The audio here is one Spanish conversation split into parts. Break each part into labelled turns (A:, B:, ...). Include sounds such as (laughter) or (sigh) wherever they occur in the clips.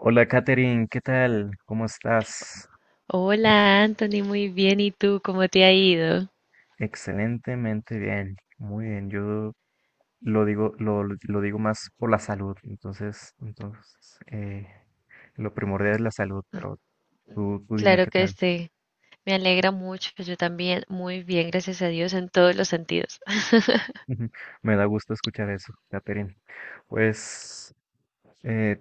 A: Hola Katherine, ¿qué tal? ¿Cómo estás?
B: Hola Anthony, muy bien. ¿Y tú cómo te ha ido?
A: Excelentemente bien, muy bien. Yo lo digo, lo digo más por la salud, entonces, lo primordial es la salud, pero tú dime
B: Claro
A: qué
B: que
A: tal.
B: sí. Me alegra mucho. Yo también, muy bien, gracias a Dios, en todos los sentidos.
A: (laughs) Me da gusto escuchar eso, Katherine. Pues eh,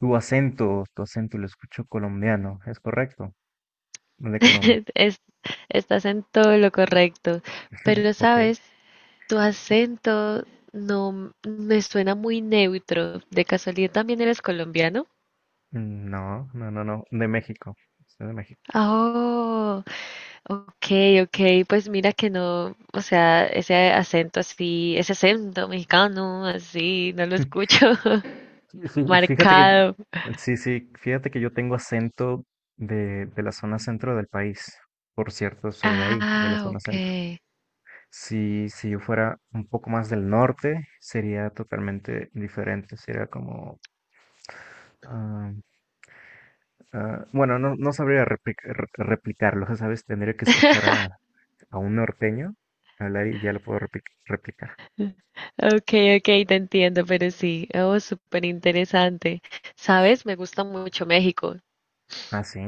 A: tu acento lo escucho colombiano, ¿es correcto? De Colombia,
B: (laughs) Es- estás en todo lo correcto. Pero
A: ok.
B: sabes, tu acento no me suena muy neutro. ¿De casualidad también eres colombiano?
A: No, no, no, no, de México, soy de México.
B: Oh, ok, ok. Pues mira que no, o sea, ese acento así, ese acento mexicano así, no lo
A: (laughs)
B: escucho (laughs)
A: Sí, fíjate que,
B: marcado.
A: sí, sí, fíjate que yo tengo acento de la zona centro del país. Por cierto, soy de ahí, de la
B: Ah,
A: zona centro.
B: okay.
A: Si, si yo fuera un poco más del norte, sería totalmente diferente. Sería como, ah, ah, bueno, no, no sabría replicarlo, ya ¿sabes? Tendría que escuchar a un norteño hablar y ya lo puedo replicar.
B: Okay, okay, te entiendo, pero sí, oh, súper interesante. ¿Sabes? Me gusta mucho México.
A: Ah, sí.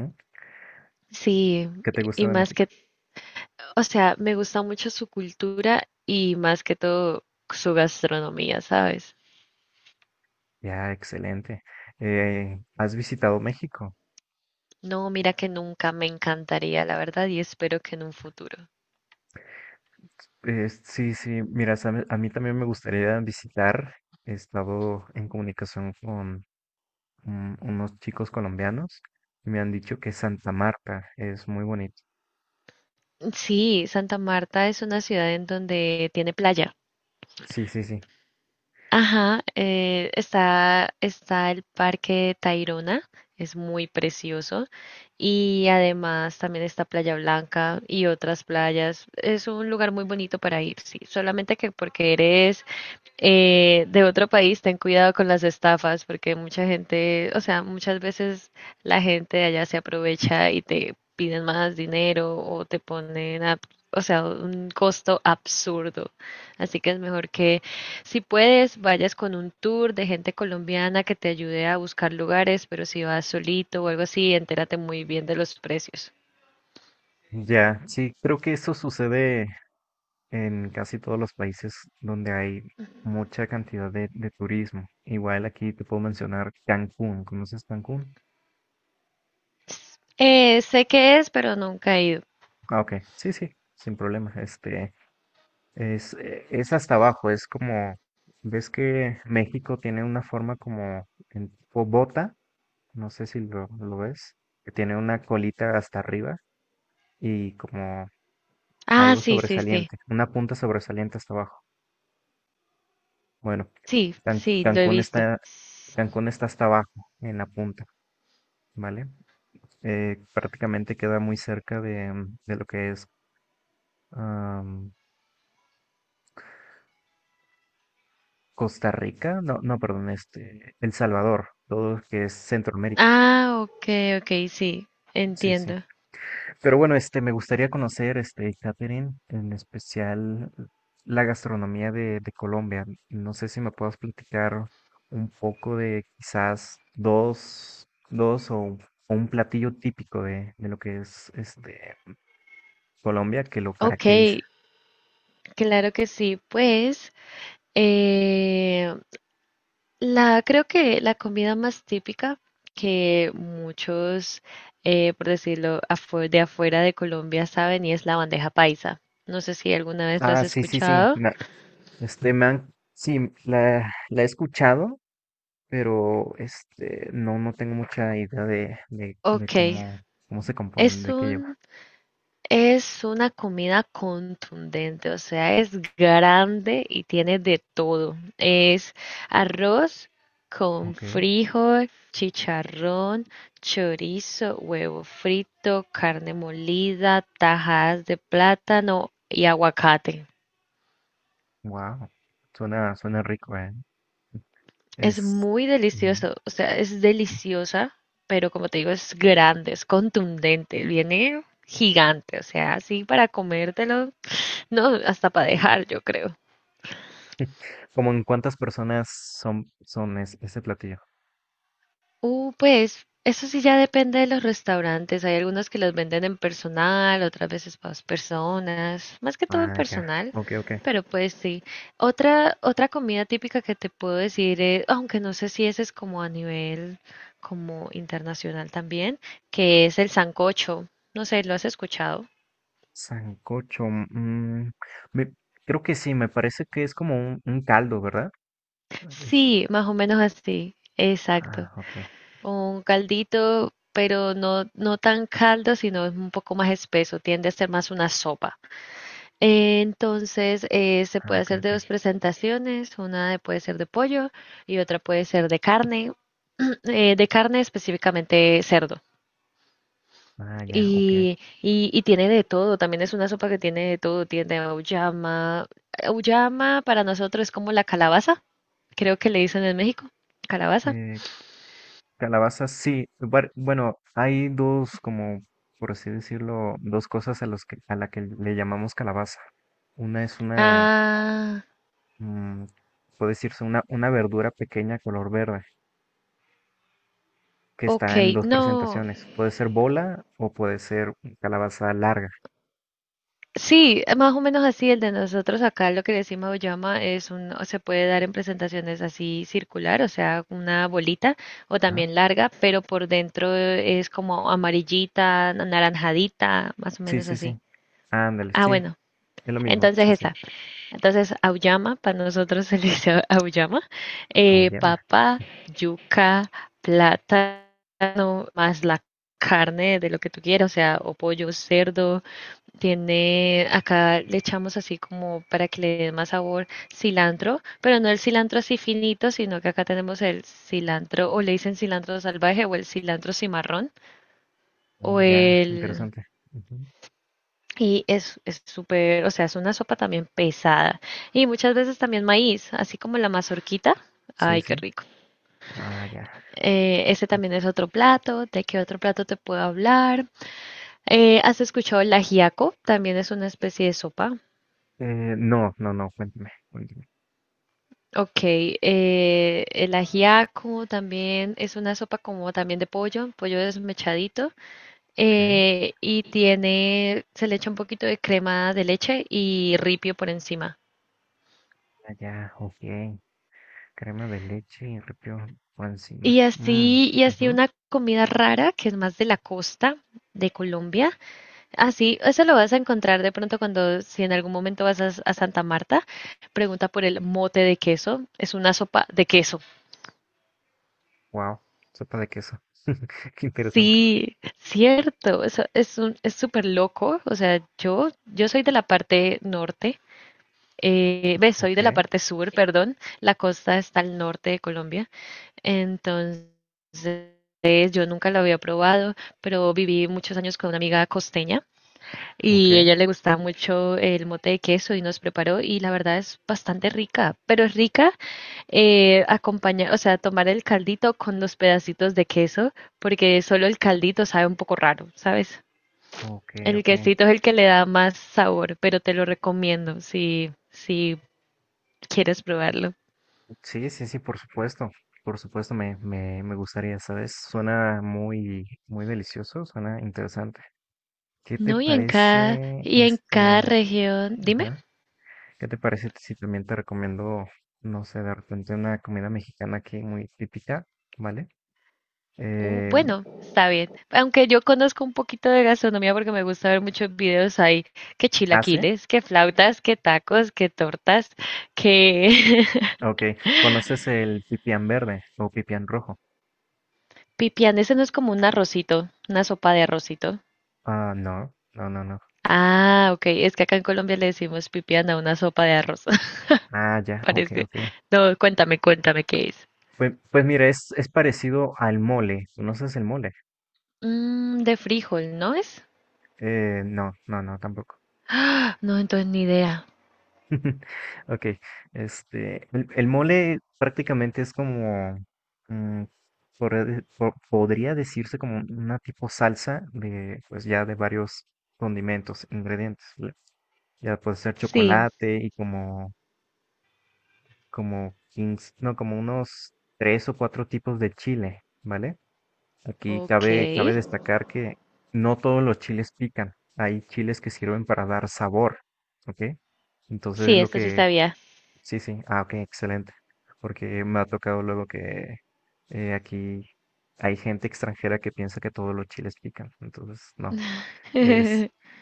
B: Sí,
A: ¿Qué te gusta
B: y
A: de
B: más
A: México?
B: que, o sea, me gusta mucho su cultura y más que todo su gastronomía, ¿sabes?
A: Ya, excelente. ¿Has visitado México?
B: No, mira que nunca me encantaría, la verdad, y espero que en un futuro.
A: Sí, sí, mira, a mí también me gustaría visitar. He estado en comunicación con unos chicos colombianos y me han dicho que Santa Marta es muy bonito.
B: Sí, Santa Marta es una ciudad en donde tiene playa.
A: Sí, sí, sí.
B: Ajá, está, está el Parque de Tayrona, es muy precioso. Y además también está Playa Blanca y otras playas. Es un lugar muy bonito para ir, sí. Solamente que porque eres de otro país, ten cuidado con las estafas, porque mucha gente, o sea, muchas veces la gente de allá se aprovecha y te piden más dinero o te ponen a, o sea, un costo absurdo. Así que es mejor que si puedes, vayas con un tour de gente colombiana que te ayude a buscar lugares, pero si vas solito o algo así, entérate muy bien de los precios.
A: Ya, sí, creo que eso sucede en casi todos los países donde hay mucha cantidad de turismo. Igual aquí te puedo mencionar Cancún. ¿Conoces Cancún?
B: Sé qué es, pero nunca he ido.
A: Ah, ok. Sí, sí, sin problema. Este, es, es hasta abajo, es como, ves que México tiene una forma como en tipo bota, no sé si lo ves, que tiene una colita hasta arriba y como
B: Ah,
A: algo
B: sí, sí, sí.
A: sobresaliente, una punta sobresaliente hasta abajo. Bueno,
B: Sí,
A: Can-
B: sí, lo he
A: Cancún
B: visto.
A: está, Cancún está hasta abajo en la punta, ¿vale? Prácticamente queda muy cerca de, de lo que es am, Costa Rica, no, no, perdón, este, El Salvador, todo lo que es Centroamérica.
B: Ah, ok, ok, sí,
A: Sí, sí.
B: entiendo.
A: Pero bueno, este, me gustaría conocer, este, Catherine, en especial la gastronomía de Colombia. No sé si me puedas platicar un poco de quizás dos, dos o un platillo típico de lo que es este Colombia que lo
B: Ok,
A: caracteriza.
B: claro que sí. Pues eh, la creo que la comida más típica que muchos, por decirlo, de afuera de Colombia saben y es la bandeja paisa. No sé si alguna vez lo
A: Ah,
B: has
A: sí, sí, sí.
B: escuchado.
A: Este, sí, la he escuchado, pero este, no, no tengo mucha idea de
B: Ok,
A: cómo, cómo se compone,
B: es
A: de qué lleva.
B: un es una comida contundente, o sea, es grande y tiene de todo. Es arroz con
A: Ok.
B: frijol, chicharrón, chorizo, huevo frito, carne molida, tajadas de plátano y aguacate.
A: Wow, suena, suena rico, ¿eh?
B: Es
A: Es
B: muy
A: mm,
B: delicioso, o sea, es deliciosa, pero como te digo, es grande, es contundente, viene gigante, o sea, así para comértelo, no, hasta para dejar, yo creo.
A: (laughs) como en cuántas personas son, ese platillo.
B: Pues eso sí ya depende de los restaurantes. Hay algunos que los venden en personal, otras veces para dos personas, más que todo en
A: Ah, ya,
B: personal,
A: ok, ok.
B: pero pues sí. Otra comida típica que te puedo decir, es, aunque no sé si ese es como a nivel como internacional también, que es el sancocho. No sé, ¿lo has escuchado?
A: Sancocho, me- creo que sí, me parece que es como un caldo, ¿verdad? Es,
B: Sí, más o menos así, exacto.
A: ah, ok,
B: Un caldito, pero no, no tan caldo, sino es un poco más espeso, tiende a ser más una sopa. Entonces, se
A: ah,
B: puede
A: ok,
B: hacer de
A: ok.
B: dos presentaciones, puede ser de pollo y otra puede ser de carne, (clears throat) de carne específicamente cerdo.
A: Ah, ya, ok.
B: Y tiene de todo, también es una sopa que tiene de todo, tiene auyama. Auyama para nosotros es como la calabaza, creo que le dicen en México, calabaza.
A: Eh, calabazas, sí. Bueno, hay dos, como por así decirlo, dos cosas a los que, a la que le llamamos calabaza. Una es una
B: Ah,
A: mm, puede decirse una verdura pequeña color verde que está en
B: ok,
A: dos
B: no.
A: presentaciones. Puede ser bola o puede ser calabaza larga.
B: Sí, más o menos así, el de nosotros acá, lo que decimos auyama es un, o se puede dar en presentaciones así circular, o sea, una bolita o
A: Ajá.
B: también larga, pero por dentro es como amarillita, anaranjadita, más o
A: Sí,
B: menos
A: sí, sí.
B: así.
A: Ándale,
B: Ah,
A: sí,
B: bueno,
A: es lo mismo.
B: entonces
A: Sí, sí.
B: esa. Entonces auyama, para nosotros se le dice auyama,
A: Auyama. (laughs)
B: papa, yuca, plátano, más la carne de lo que tú quieras, o sea, o pollo, cerdo. Tiene, acá le echamos así como para que le dé más sabor cilantro, pero no el cilantro así finito, sino que acá tenemos el cilantro, o le dicen cilantro salvaje, o el cilantro cimarrón, o
A: Oh, ya,
B: el...
A: interesante. Ujú.
B: Y es súper, o sea, es una sopa también pesada. Y muchas veces también maíz, así como la mazorquita.
A: Sí,
B: Ay, qué
A: sí.
B: rico.
A: Ah, ya.
B: Ese también es otro plato. ¿De qué otro plato te puedo hablar? ¿Has escuchado el ajiaco? También es una especie de sopa.
A: No, no, no, cuéntame, cuéntame.
B: Ok, el ajiaco también es una sopa como también de pollo, pollo desmechadito,
A: Ok.
B: y tiene, se le echa un poquito de crema de leche y ripio por encima.
A: Ah, ya, ok. Crema de leche y repio por encima. Mm,
B: Y así
A: ujú.
B: una comida rara que es más de la costa de Colombia. Así, eso lo vas a encontrar de pronto cuando, si en algún momento vas a Santa Marta, pregunta por el mote de queso. Es una sopa de queso.
A: Wow, sopa de queso. (laughs) Qué interesante.
B: Sí, cierto, eso es un, es súper loco, o sea, yo soy de la parte norte, soy de la
A: Ok,
B: parte sur, perdón, la costa está al norte de Colombia, entonces yo nunca lo había probado, pero viví muchos años con una amiga costeña
A: ok.
B: y ella le gustaba mucho el mote de queso y nos preparó y la verdad es bastante rica, pero es rica acompañar, o sea, tomar el caldito con los pedacitos de queso, porque solo el caldito sabe un poco raro, ¿sabes?
A: Ok,
B: El
A: ok.
B: quesito es el que le da más sabor, pero te lo recomiendo si, si quieres probarlo.
A: Sí, sí, sí, por supuesto. Por supuesto, me gustaría, ¿sabes? Suena muy, muy delicioso, suena interesante. ¿Qué te
B: No,
A: parece,
B: y en cada
A: este,
B: región, dime.
A: ajá? ¿Qué te parece si también te recomiendo, no sé, de repente una comida mexicana aquí muy típica, ¿vale? Eh,
B: Bueno, está bien. Aunque yo conozco un poquito de gastronomía porque me gusta ver muchos videos ahí, que
A: ¿Ah, sí?
B: chilaquiles, que flautas, que tacos, que tortas, que (laughs)
A: Ok. ¿Conoces el pipián verde o pipián rojo?
B: Pipián, ese no es como un arrocito, una sopa de arrocito.
A: Ah, no, no, no, no.
B: Ah, ok, es que acá en Colombia le decimos pipián a una sopa de arroz,
A: Ah,
B: (laughs)
A: ya, ok,
B: parece.
A: ok.
B: No, cuéntame, cuéntame qué es.
A: Pues, pues mira, es parecido al mole. ¿Conoces el mole?
B: Mm, de frijol, ¿no es?
A: No, no, no, tampoco.
B: Ah, no, entonces ni idea.
A: (laughs) Ok, este, el mole prácticamente es como, mm, podría podría decirse como una tipo salsa de, pues ya de varios condimentos, ingredientes. ¿Vale? Ya puede ser
B: Sí,
A: chocolate y como, como 15, no, como unos tres o cuatro tipos de chile, ¿vale? Aquí
B: ok.
A: cabe, cabe destacar que no todos los chiles pican. Hay chiles que sirven para dar sabor, ¿ok? Entonces es
B: Sí,
A: lo
B: esto sí
A: que...
B: sabía.
A: Sí, sí. Ah, ok, excelente. Porque me ha tocado luego que aquí hay gente extranjera que piensa que todos los chiles pican. Entonces, no. Es,
B: (laughs)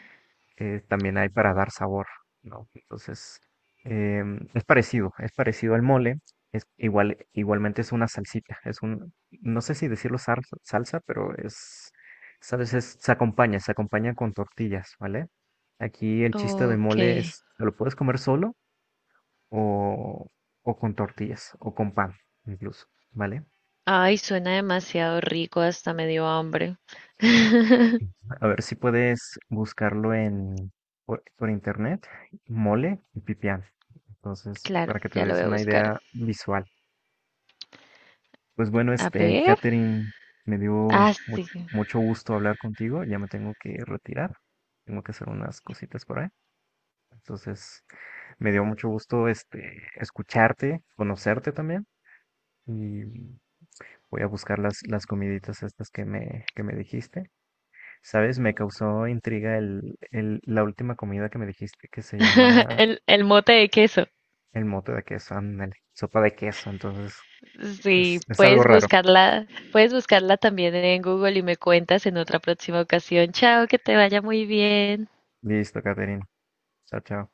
A: también hay para dar sabor, ¿no? Entonces, es parecido al mole, es igual, igualmente es una salsita, es un, no sé si decirlo salsa, salsa, pero es, sabes, se acompaña con tortillas, ¿vale? Aquí el chiste de
B: Ok.
A: mole es, ¿lo puedes comer solo o, o con tortillas o con pan incluso, ¿vale?
B: Ay, suena demasiado rico, hasta me dio hambre.
A: A ver si puedes buscarlo en por internet, mole y pipián. Entonces,
B: Claro,
A: para que te
B: ya lo
A: des
B: voy a
A: una
B: buscar.
A: idea visual. Pues bueno,
B: A
A: este,
B: ver.
A: Catherine, me dio
B: Ah, sí.
A: mucho gusto hablar contigo. Ya me tengo que retirar. Tengo que hacer unas cositas por ahí. Entonces, me dio mucho gusto este escucharte, conocerte también. Y voy a buscar las comiditas estas que me dijiste. ¿Sabes? Me causó intriga la última comida que me dijiste que se
B: (laughs)
A: llama
B: El mote de queso.
A: el mote de queso, ándale, sopa de queso, entonces
B: Sí,
A: es algo raro.
B: puedes buscarla también en Google y me cuentas en otra próxima ocasión. Chao, que te vaya muy bien.
A: Listo, Caterina. Chao, chao.